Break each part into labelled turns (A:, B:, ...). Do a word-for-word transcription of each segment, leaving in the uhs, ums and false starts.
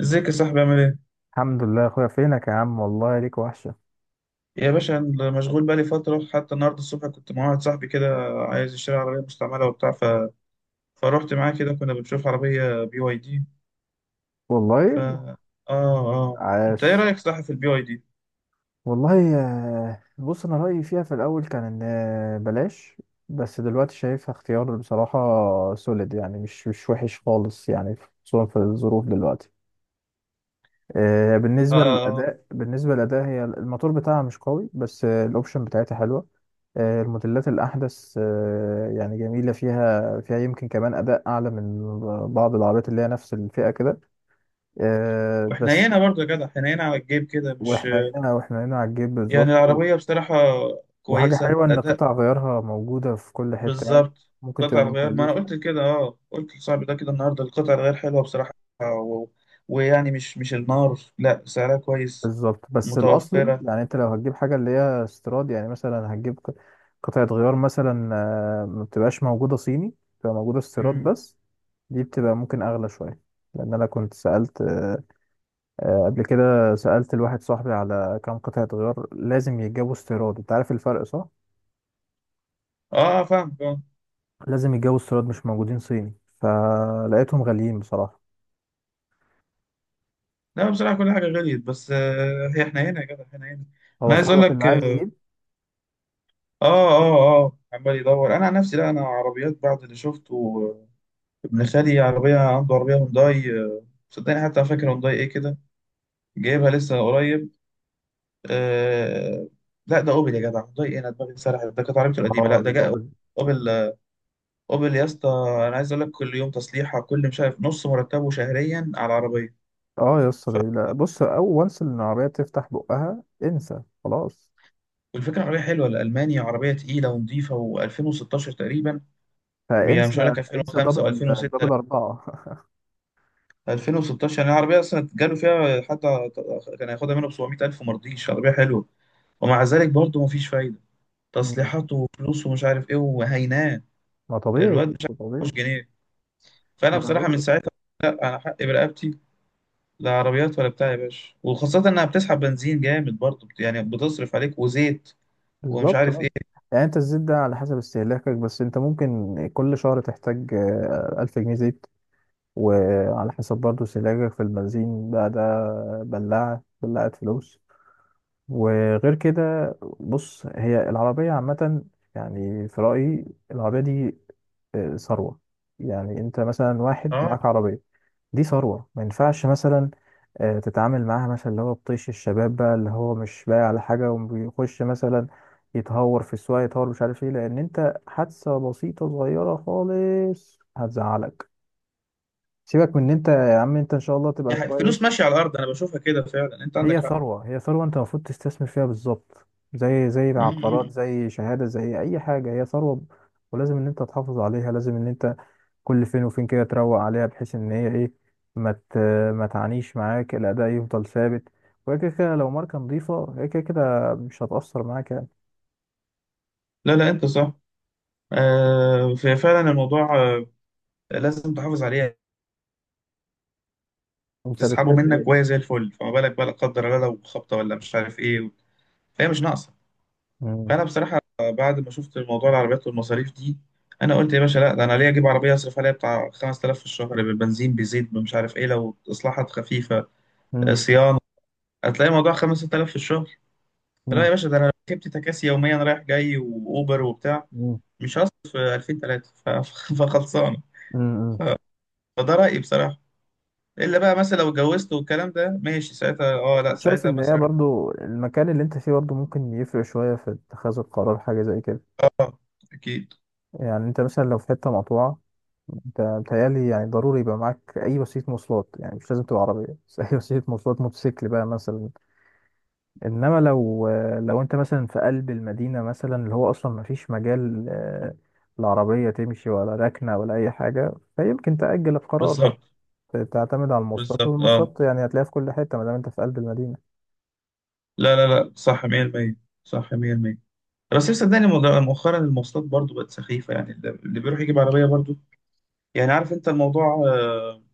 A: ازيك يا صاحبي عامل ايه؟
B: الحمد لله يا اخويا. فينك يا عم، والله ليك وحشة.
A: يا باشا، أنا مشغول بقالي فترة. حتى النهاردة الصبح كنت مع واحد صاحبي كده عايز يشتري عربية مستعملة وبتاع ف... فروحت معاه كده كنا بنشوف عربية بي واي دي. ف
B: والله.
A: اه اه انت ايه
B: عاش.
A: رأيك صح في البي واي دي؟
B: والله، آه، بص انا رأيي فيها في الاول كان ان آه، بلاش. بس دلوقتي شايفها اختيار بصراحة سوليد، يعني مش مش وحش خالص يعني، خصوصا في الظروف دلوقتي. آه،
A: اه
B: بالنسبة
A: اه آه.
B: للأداء بالنسبة للأداء هي الموتور بتاعها مش قوي، بس آه، الأوبشن بتاعتها حلوة. آه، الموديلات الأحدث آه، يعني جميلة، فيها فيها يمكن كمان أداء أعلى من بعض العربيات اللي هي نفس الفئة كده. آه، بس
A: وحنينة برضه يا جدع، حنينة على الجيب كده، مش
B: واحنا هنا واحنا هنا على الجيب
A: يعني،
B: بالظبط، و-
A: العربية بصراحة
B: وحاجة
A: كويسة
B: حلوة ان
A: أداء.
B: قطع غيارها موجودة في كل حتة يعني.
A: بالظبط.
B: ممكن تبقى
A: قطع الغيار، ما أنا
B: مكلفة.
A: قلت كده، اه قلت لصاحبي ده كده النهاردة، القطع الغيار حلوة بصراحة و... ويعني مش مش النار، لا سعرها كويس،
B: بالظبط، بس الاصلي
A: متوفرة.
B: يعني انت لو هتجيب حاجة اللي هي استيراد، يعني مثلا هتجيب ق- قطعة غيار مثلا، آه، ما بتبقاش موجودة صيني، بتبقى موجودة استيراد
A: مم.
B: بس. دي بتبقى ممكن اغلى شوية، لان انا كنت سألت آه، آه، قبل كده. سألت الواحد صاحبي على كام قطعة غيار لازم يتجابوا استيراد. انت عارف الفرق صح؟
A: اه فاهم اه.
B: لازم يتجابوا استيراد، مش موجودين صيني، فلقيتهم غاليين بصراحة.
A: لا بصراحه كل حاجه غليت، بس آه هي احنا هنا يا جدع، احنا هنا.
B: هو
A: انا عايز اقول
B: صاحبك اللي
A: لك،
B: عايز
A: اه
B: يجيب؟
A: اه اه عمال يدور. انا عن نفسي لا، انا عربيات بعد اللي شفته، آه، ابن خالي عربيه، عنده عربيه هونداي، آه، صدقني حتى فاكر هونداي ايه كده، جايبها لسه قريب. آه لا ده اوبل يا جدع، هونداي ايه، انا دماغي سرحت، ده كانت عربيته القديمه،
B: اه،
A: لا ده جاء
B: الأوبن.
A: اوبل. آه، اوبل يا اسطى. انا عايز اقول لك كل يوم تصليحه، كل مش عارف، نص مرتبه شهريا على العربيه.
B: اه يا اسطى، ده- لا بص، أول وانس إن العربية تفتح بقها انسى خلاص.
A: والفكرة عربية حلوة، لألمانيا، عربية تقيلة ونظيفة، و2016 تقريبا. يعني مش هقول
B: فانسى،
A: لك
B: انسى
A: ألفين وخمسة أو
B: دبل
A: ألفين وستة،
B: دبل أربعة.
A: لا ألفين وستاشر. يعني العربية أصلا جاله فيها حتى. كان هياخدها منه ب سبعمية ألف وما رضيش، عربية حلوة. ومع ذلك برضه مفيش فايدة.
B: مم.
A: تصليحات وفلوس ومش عارف إيه. وهيناه
B: ما طبيعي
A: الواد
B: يا
A: مش عارف
B: اسطى، طبيعي.
A: يحوش جنيه. فأنا
B: ما أنا
A: بصراحة
B: بقول
A: من
B: لك.
A: ساعتها، لأ، أنا حقي برقبتي. لا عربيات ولا بتاع يا باشا. وخاصة إنها بتسحب بنزين جامد برضه، بت- يعني بتصرف عليك وزيت ومش
B: بالظبط
A: عارف
B: اه.
A: إيه
B: يعني أنت الزيت ده على حسب استهلاكك، بس أنت ممكن كل شهر تحتاج آه، ألف جنيه زيت، وعلى حسب برضه استهلاكك في البنزين بقى ده. بلاعة بلاعة فلوس. وغير كده، بص هي العربية عامة، يعني في رأيي العربية دي آه، ثروة. يعني انت مثلا واحد
A: أه
B: معاك عربية، دي ثروة، ما ينفعش مثلا آه، تتعامل معاها مثلا اللي هو بطيش الشباب بقى، اللي هو مش بايع على حاجة وبيخش مثلا يتهور في السواقة، يتهور مش عارف ايه، لأن انت حادثة بسيطة صغيرة خالص هتزعلك. سيبك من ان انت يا عم، انت ان شاء الله تبقى
A: دي حقيقة. فلوس
B: كويس.
A: ماشية على الأرض أنا بشوفها كده فعلا. أنت
B: هي
A: عندك.
B: ثروة، هي ثروة، انت المفروض تستثمر فيها بالظبط، زي زي العقارات،
A: مم.
B: زي شهادة، زي اي حاجة. هي ثروة، ولازم ان انت تحافظ عليها. لازم ان انت كل فين وفين كده تروق عليها، بحيث ان هي ايه، ما ت- ما تعانيش معاك، الاداء يفضل ثابت. وهي كده كده لو ماركة نظيفة، هي كده كده مش هتأثر معاك يعني.
A: لا لا انت صح. آه ف- فعلا الموضوع آه لازم تحافظ عليه،
B: انت
A: تسحبه
B: بتحب
A: منك وهي
B: ايه؟
A: زي الفل، فما بالك بقى لا قدر الله لو خبطه ولا مش عارف ايه. فهي مش ناقصه.
B: مم.
A: فانا بصراحه بعد ما شفت الموضوع العربيات والمصاريف دي، انا قلت يا باشا لا، ده انا ليه اجيب عربيه اصرف عليها بتاع خمستلاف في الشهر، بالبنزين بزيت مش عارف ايه، لو اصلاحات خفيفه آه،
B: مم.
A: صيانه، هتلاقي الموضوع خمسة آلاف في الشهر. لا
B: مم.
A: يا باشا، ده انا لو ركبت تكاسي يوميا رايح جاي واوبر وبتاع
B: مم.
A: مش هصرف ألفين، تلاتة فخلصان.
B: مم.
A: فده رأيي بصراحة. إلا بقى مثلا لو اتجوزت والكلام ده ماشي، ساعتها اه لا،
B: انا شايف
A: ساعتها
B: ان هي
A: مثلا.
B: برضو المكان اللي انت فيه برضو ممكن يفرق شوية في اتخاذ القرار حاجة زي كده.
A: أكيد.
B: يعني انت مثلا لو في حتة مقطوعة، انت بتهيألي يعني ضروري يبقى معاك اي وسيله مواصلات، يعني مش لازم تبقى عربيه، بس اي وسيله مواصلات، موتوسيكل بقى مثلا. انما لو، لو انت مثلا في قلب المدينه مثلا، اللي هو اصلا ما فيش مجال آه، العربيه تمشي ولا ركنه ولا اي حاجه، فيمكن تأجل القرار
A: بالظبط.
B: مثلا. تعتمد على المواصلات،
A: بالظبط اه.
B: والمواصلات يعني هتلاقيها في كل حته ما دام انت في قلب المدينه.
A: لا لا لا، صح مية بالمية. صح مائة بالمئة. بس صدقني، مد- مؤخرا المواصلات برضو بقت سخيفة، يعني اللي اللي بيروح يجيب عربية برضو. يعني عارف أنت الموضوع، آه،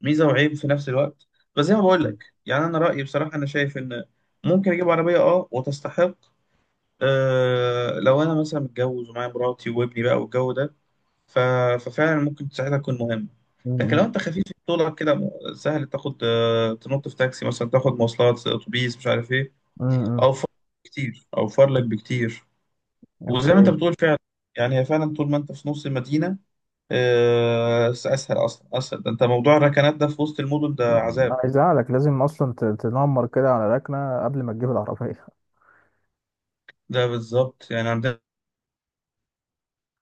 A: ميزة وعيب في نفس الوقت. بس زي ما بقول لك، يعني أنا رأيي بصراحة، أنا شايف إن ممكن أجيب عربية اه وتستحق، آه، لو أنا مثلا متجوز ومعايا مراتي وابني بقى والجو ده ف... ففعلا ممكن ساعتها تكون مهمة. لكن لو
B: مم.
A: انت خفيف في طولك كده، م- سهل تاخد آه، تنط في تاكسي مثلا، تاخد مواصلات آه، اتوبيس مش عارف ايه،
B: امم.
A: اوفر لك كتير، اوفر لك بكتير. وزي ما انت
B: اوكي.
A: بتقول فعلا، يعني هي فعلا طول ما انت في نص المدينة، آه، اسهل، اصلا اسهل. ده انت موضوع الركنات ده في وسط المدن ده
B: أمم،
A: عذاب.
B: انا هيزعلك لازم اصلا ت- تنمر كده على ركنه قبل ما تجيب العربيه.
A: ده بالظبط، يعني عندنا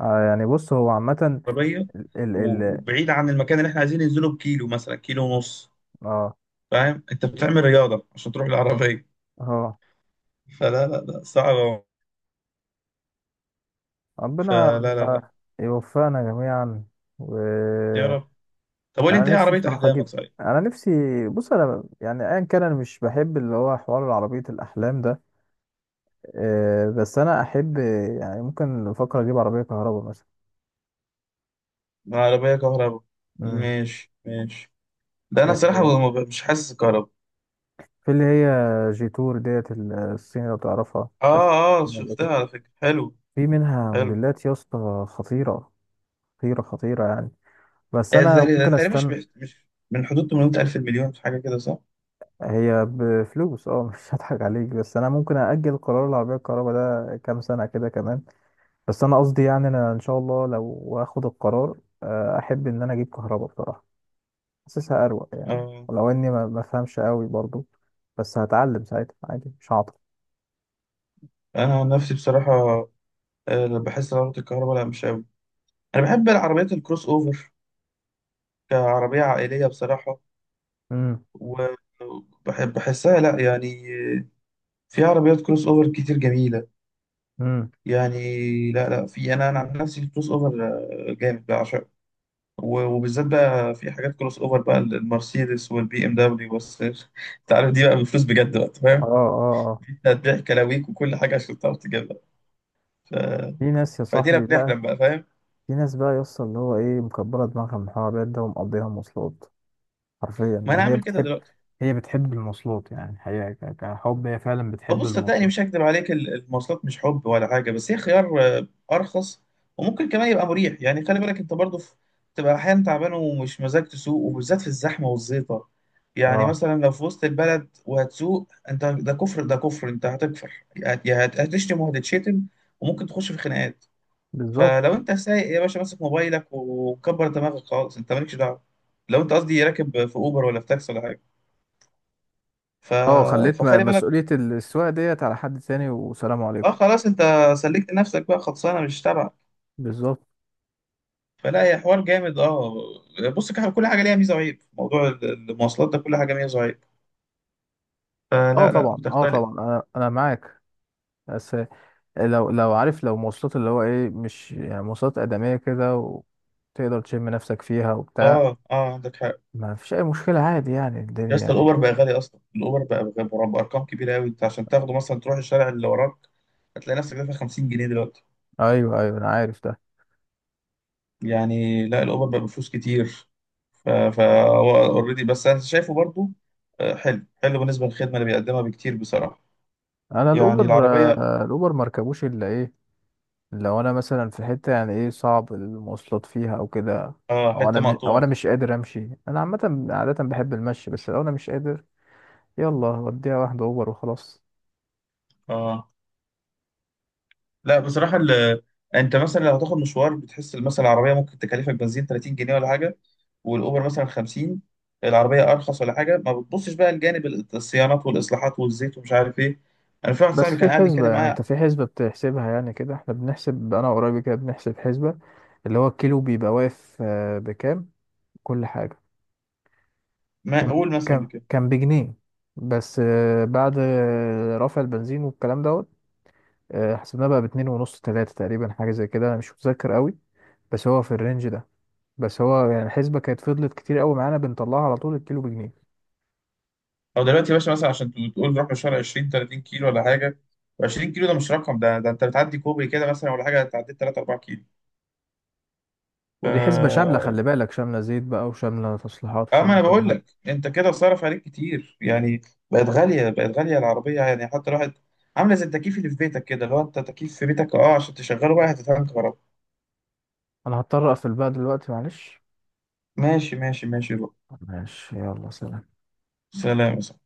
B: آه، يعني بص هو عامه.
A: عربية و- وبعيد عن المكان اللي احنا عايزين ننزله بكيلو مثلا، كيلو ونص.
B: اه
A: فاهم، انت بتعمل رياضة عشان تروح العربية.
B: اه.
A: فلا لا لا، صعبة.
B: ربنا
A: فلا لا لا.
B: يوفقنا جميعا.
A: يا
B: وانا
A: رب. طب قول لي انت ايه
B: نفسي
A: عربية
B: بصراحه
A: احلامك
B: اجيب.
A: صحيح.
B: انا نفسي، بص انا يعني ايا كان انا مش بحب اللي هو حوار عربيه الاحلام ده، آه، بس انا احب يعني ممكن افكر اجيب عربيه كهرباء مثلا.
A: عربية كهرباء؟
B: امم.
A: ماشي ماشي. ده انا الصراحة
B: آه،
A: ما ب- مش حاسس كهرباء.
B: في اللي هي جيتور ديت، الصيني لو تعرفها، مش عارف
A: اه اه
B: اسمها ولا
A: شفتها
B: كوري.
A: على فكرة، حلو
B: في منها
A: حلو.
B: موديلات يا اسطى خطيره، خطيره خطيره يعني. بس
A: آه،
B: انا
A: تقريبا،
B: ممكن
A: تقريباً مش
B: استنى.
A: بيح- مش، من حدود ثمانمائة ألف، المليون، في حاجة كده صح؟
B: هي بفلوس اه، مش هضحك عليك، بس انا ممكن اجل قرار العربيه الكهرباء ده كام سنه كده كمان. بس انا قصدي يعني انا ان شاء الله لو اخد القرار، آه، احب ان انا اجيب كهرباء بصراحه. حاسسها اروق يعني،
A: آه.
B: ولو اني ما ما بفهمش قوي برضو، بس هتعلم ساعتها عادي، مش هعطل.
A: أنا عن نفسي بصراحة، آه، بحس إن عربية الكهرباء لا مش أوي. أنا بحب العربيات الكروس أوفر، كعربية عائلية بصراحة.
B: امم.
A: وبحب بحسها، لا يعني، آه، في عربيات كروس أوفر كتير جميلة،
B: امم.
A: يعني لا لا. في انا، انا عن نفسي الكروس اوفر آه، جامد بعشقه. و- وبالذات بقى في حاجات كروس اوفر بقى، المرسيدس والبي ام دبليو بس انت عارف دي بقى بالفلوس بجد بقى. أنت
B: اه
A: فاهم
B: اه اه.
A: انت هتبيع كلاويك وكل حاجه عشان تعرف تجيبها ف...
B: في ناس يا
A: فادينا
B: صاحبي بقى،
A: بنحلم بقى. فاهم؟
B: في ناس بقى يوصل اللي هو ايه، مكبره دماغها من الحوارات ده ومقضيها مواصلات حرفيا.
A: ما انا
B: يعني هي
A: عامل كده
B: بتحب،
A: دلوقتي.
B: هي بتحب المواصلات، يعني هي ك- كحب، هي فعلا بتحب
A: بص صدقني
B: المواصلات.
A: مش هكدب عليك، ال- المواصلات مش حب ولا حاجه، بس هي خيار آه، ارخص، وممكن كمان يبقى مريح. يعني خلي بالك انت برضه في- تبقى احيانا تعبان ومش مزاج تسوق، وبالذات في الزحمه والزيطه. يعني
B: اه
A: مثلا لو في وسط البلد وهتسوق انت، ده كفر ده كفر، انت هتكفر. يا هت- هتشتم وهتتشتم، وممكن تخش في خناقات.
B: بالظبط.
A: فلو انت سايق يا باشا، ماسك موبايلك وكبر دماغك خالص، انت مالكش دعوه. لو انت قصدي راكب في اوبر ولا في تاكسي ولا حاجه ف...
B: اه، خليت م-
A: فخلي بالك.
B: مسؤولية السواقة ديت على حد تاني والسلام
A: اه
B: عليكم.
A: خلاص انت سلكت نفسك بقى، خلصانه مش تبعك.
B: بالظبط.
A: فلا، هي حوار جامد اه. بص، كح- كل حاجه ليها ميزه وعيب. موضوع ال- المواصلات ده كل حاجه ميزه وعيب.
B: اه
A: فلا لا
B: طبعا، اه
A: بتختلف.
B: طبعا، انا انا معاك. بس، لو لو عارف، لو مواصلات اللي هو ايه، مش يعني مواصلات آدمية كده، وتقدر تشم نفسك فيها وبتاع،
A: اه اه عندك حق.
B: ما فيش اي مشكلة، عادي يعني
A: يا
B: الدنيا
A: اسطى،
B: يعني.
A: الاوبر بقى غالي اصلا. الاوبر بقى بقى بقى بارقام كبيره قوي. انت عشان تاخده مثلا تروح الشارع اللي وراك، هتلاقي نفسك دافع خمسين جنيه دلوقتي.
B: ايوه، ايوه، انا عارف ده.
A: يعني لا، الاوبر بقى بفلوس كتير. ف فا اوريدي بس انا شايفه برضو آه، حلو حلو بالنسبه للخدمه اللي بيقدمها بكتير بصراحه.
B: انا
A: يعني
B: الاوبر،
A: العربيه
B: آه، الاوبر مركبوش الا ايه، لو انا مثلا في حته يعني ايه صعب المواصلات فيها او كده،
A: اه،
B: او انا
A: حته
B: م... او
A: مقطوعه
B: انا
A: كده.
B: مش قادر امشي. انا عامه عاده بحب المشي، بس لو انا مش قادر يلا وديها واحده اوبر وخلاص.
A: اه لا بصراحة ال... انت مثلا لو هتاخد مشوار، بتحس مثلا العربية ممكن تكلفك بنزين تلاتين جنيه ولا حاجة، والأوبر مثلا خمسين، العربية أرخص ولا حاجة. ما بتبصش بقى لجانب ال- الصيانات والإصلاحات والزيت ومش عارف إيه. أنا في واحد
B: بس
A: صاحبي
B: في
A: كان قاعد
B: حسبه،
A: يتكلم
B: يعني
A: معايا،
B: انت في حسبه بتحسبها. يعني كده احنا بنحسب، انا وقرايبي كده بنحسب حسبه، اللي هو الكيلو بيبقى واقف آه، بكام، كل حاجه.
A: ما
B: كام
A: أقول مثلا
B: كام
A: بكده.
B: كام بجنيه. بس آه، بعد آه، رفع البنزين والكلام دوت، آه، حسبناه بقى باتنين ونص تلاته تقريبا، حاجه زي كده، انا مش متذكر قوي، بس هو في الرينج ده. بس هو يعني الحسبة كانت فضلت كتير قوي معانا بنطلعها على طول، الكيلو بجنيه.
A: أو دلوقتي يا باشا مثلا، عشان تقول تقول نروح مشوار عشرين تلاتين كيلو ولا حاجة، عشرين كيلو ده مش رقم. ده ده أنت بتعدي كوبري كده مثلا ولا حاجة، تعديت تلاتة اربعة
B: ودي حسبة شاملة،
A: كيلو.
B: خلي بالك، شاملة زيت بقى، وشاملة تصليحات،
A: اه ما
B: وشاملة
A: انا
B: كل
A: بقول
B: حاجة.
A: لك انت كده صرف عليك كتير يعني. بقت غاليه، بقت غاليه العربيه يعني. حتى الواحد عامله زي التكييف اللي في بيتك كده، لو انت تكييف في بيتك اه عشان تشغله بقى هتتعمل كهرباء.
B: أنا هضطر أقفل بقى دلوقتي، معلش.
A: ماشي ماشي ماشي بقى.
B: ماشي، يلا سلام.
A: سلام.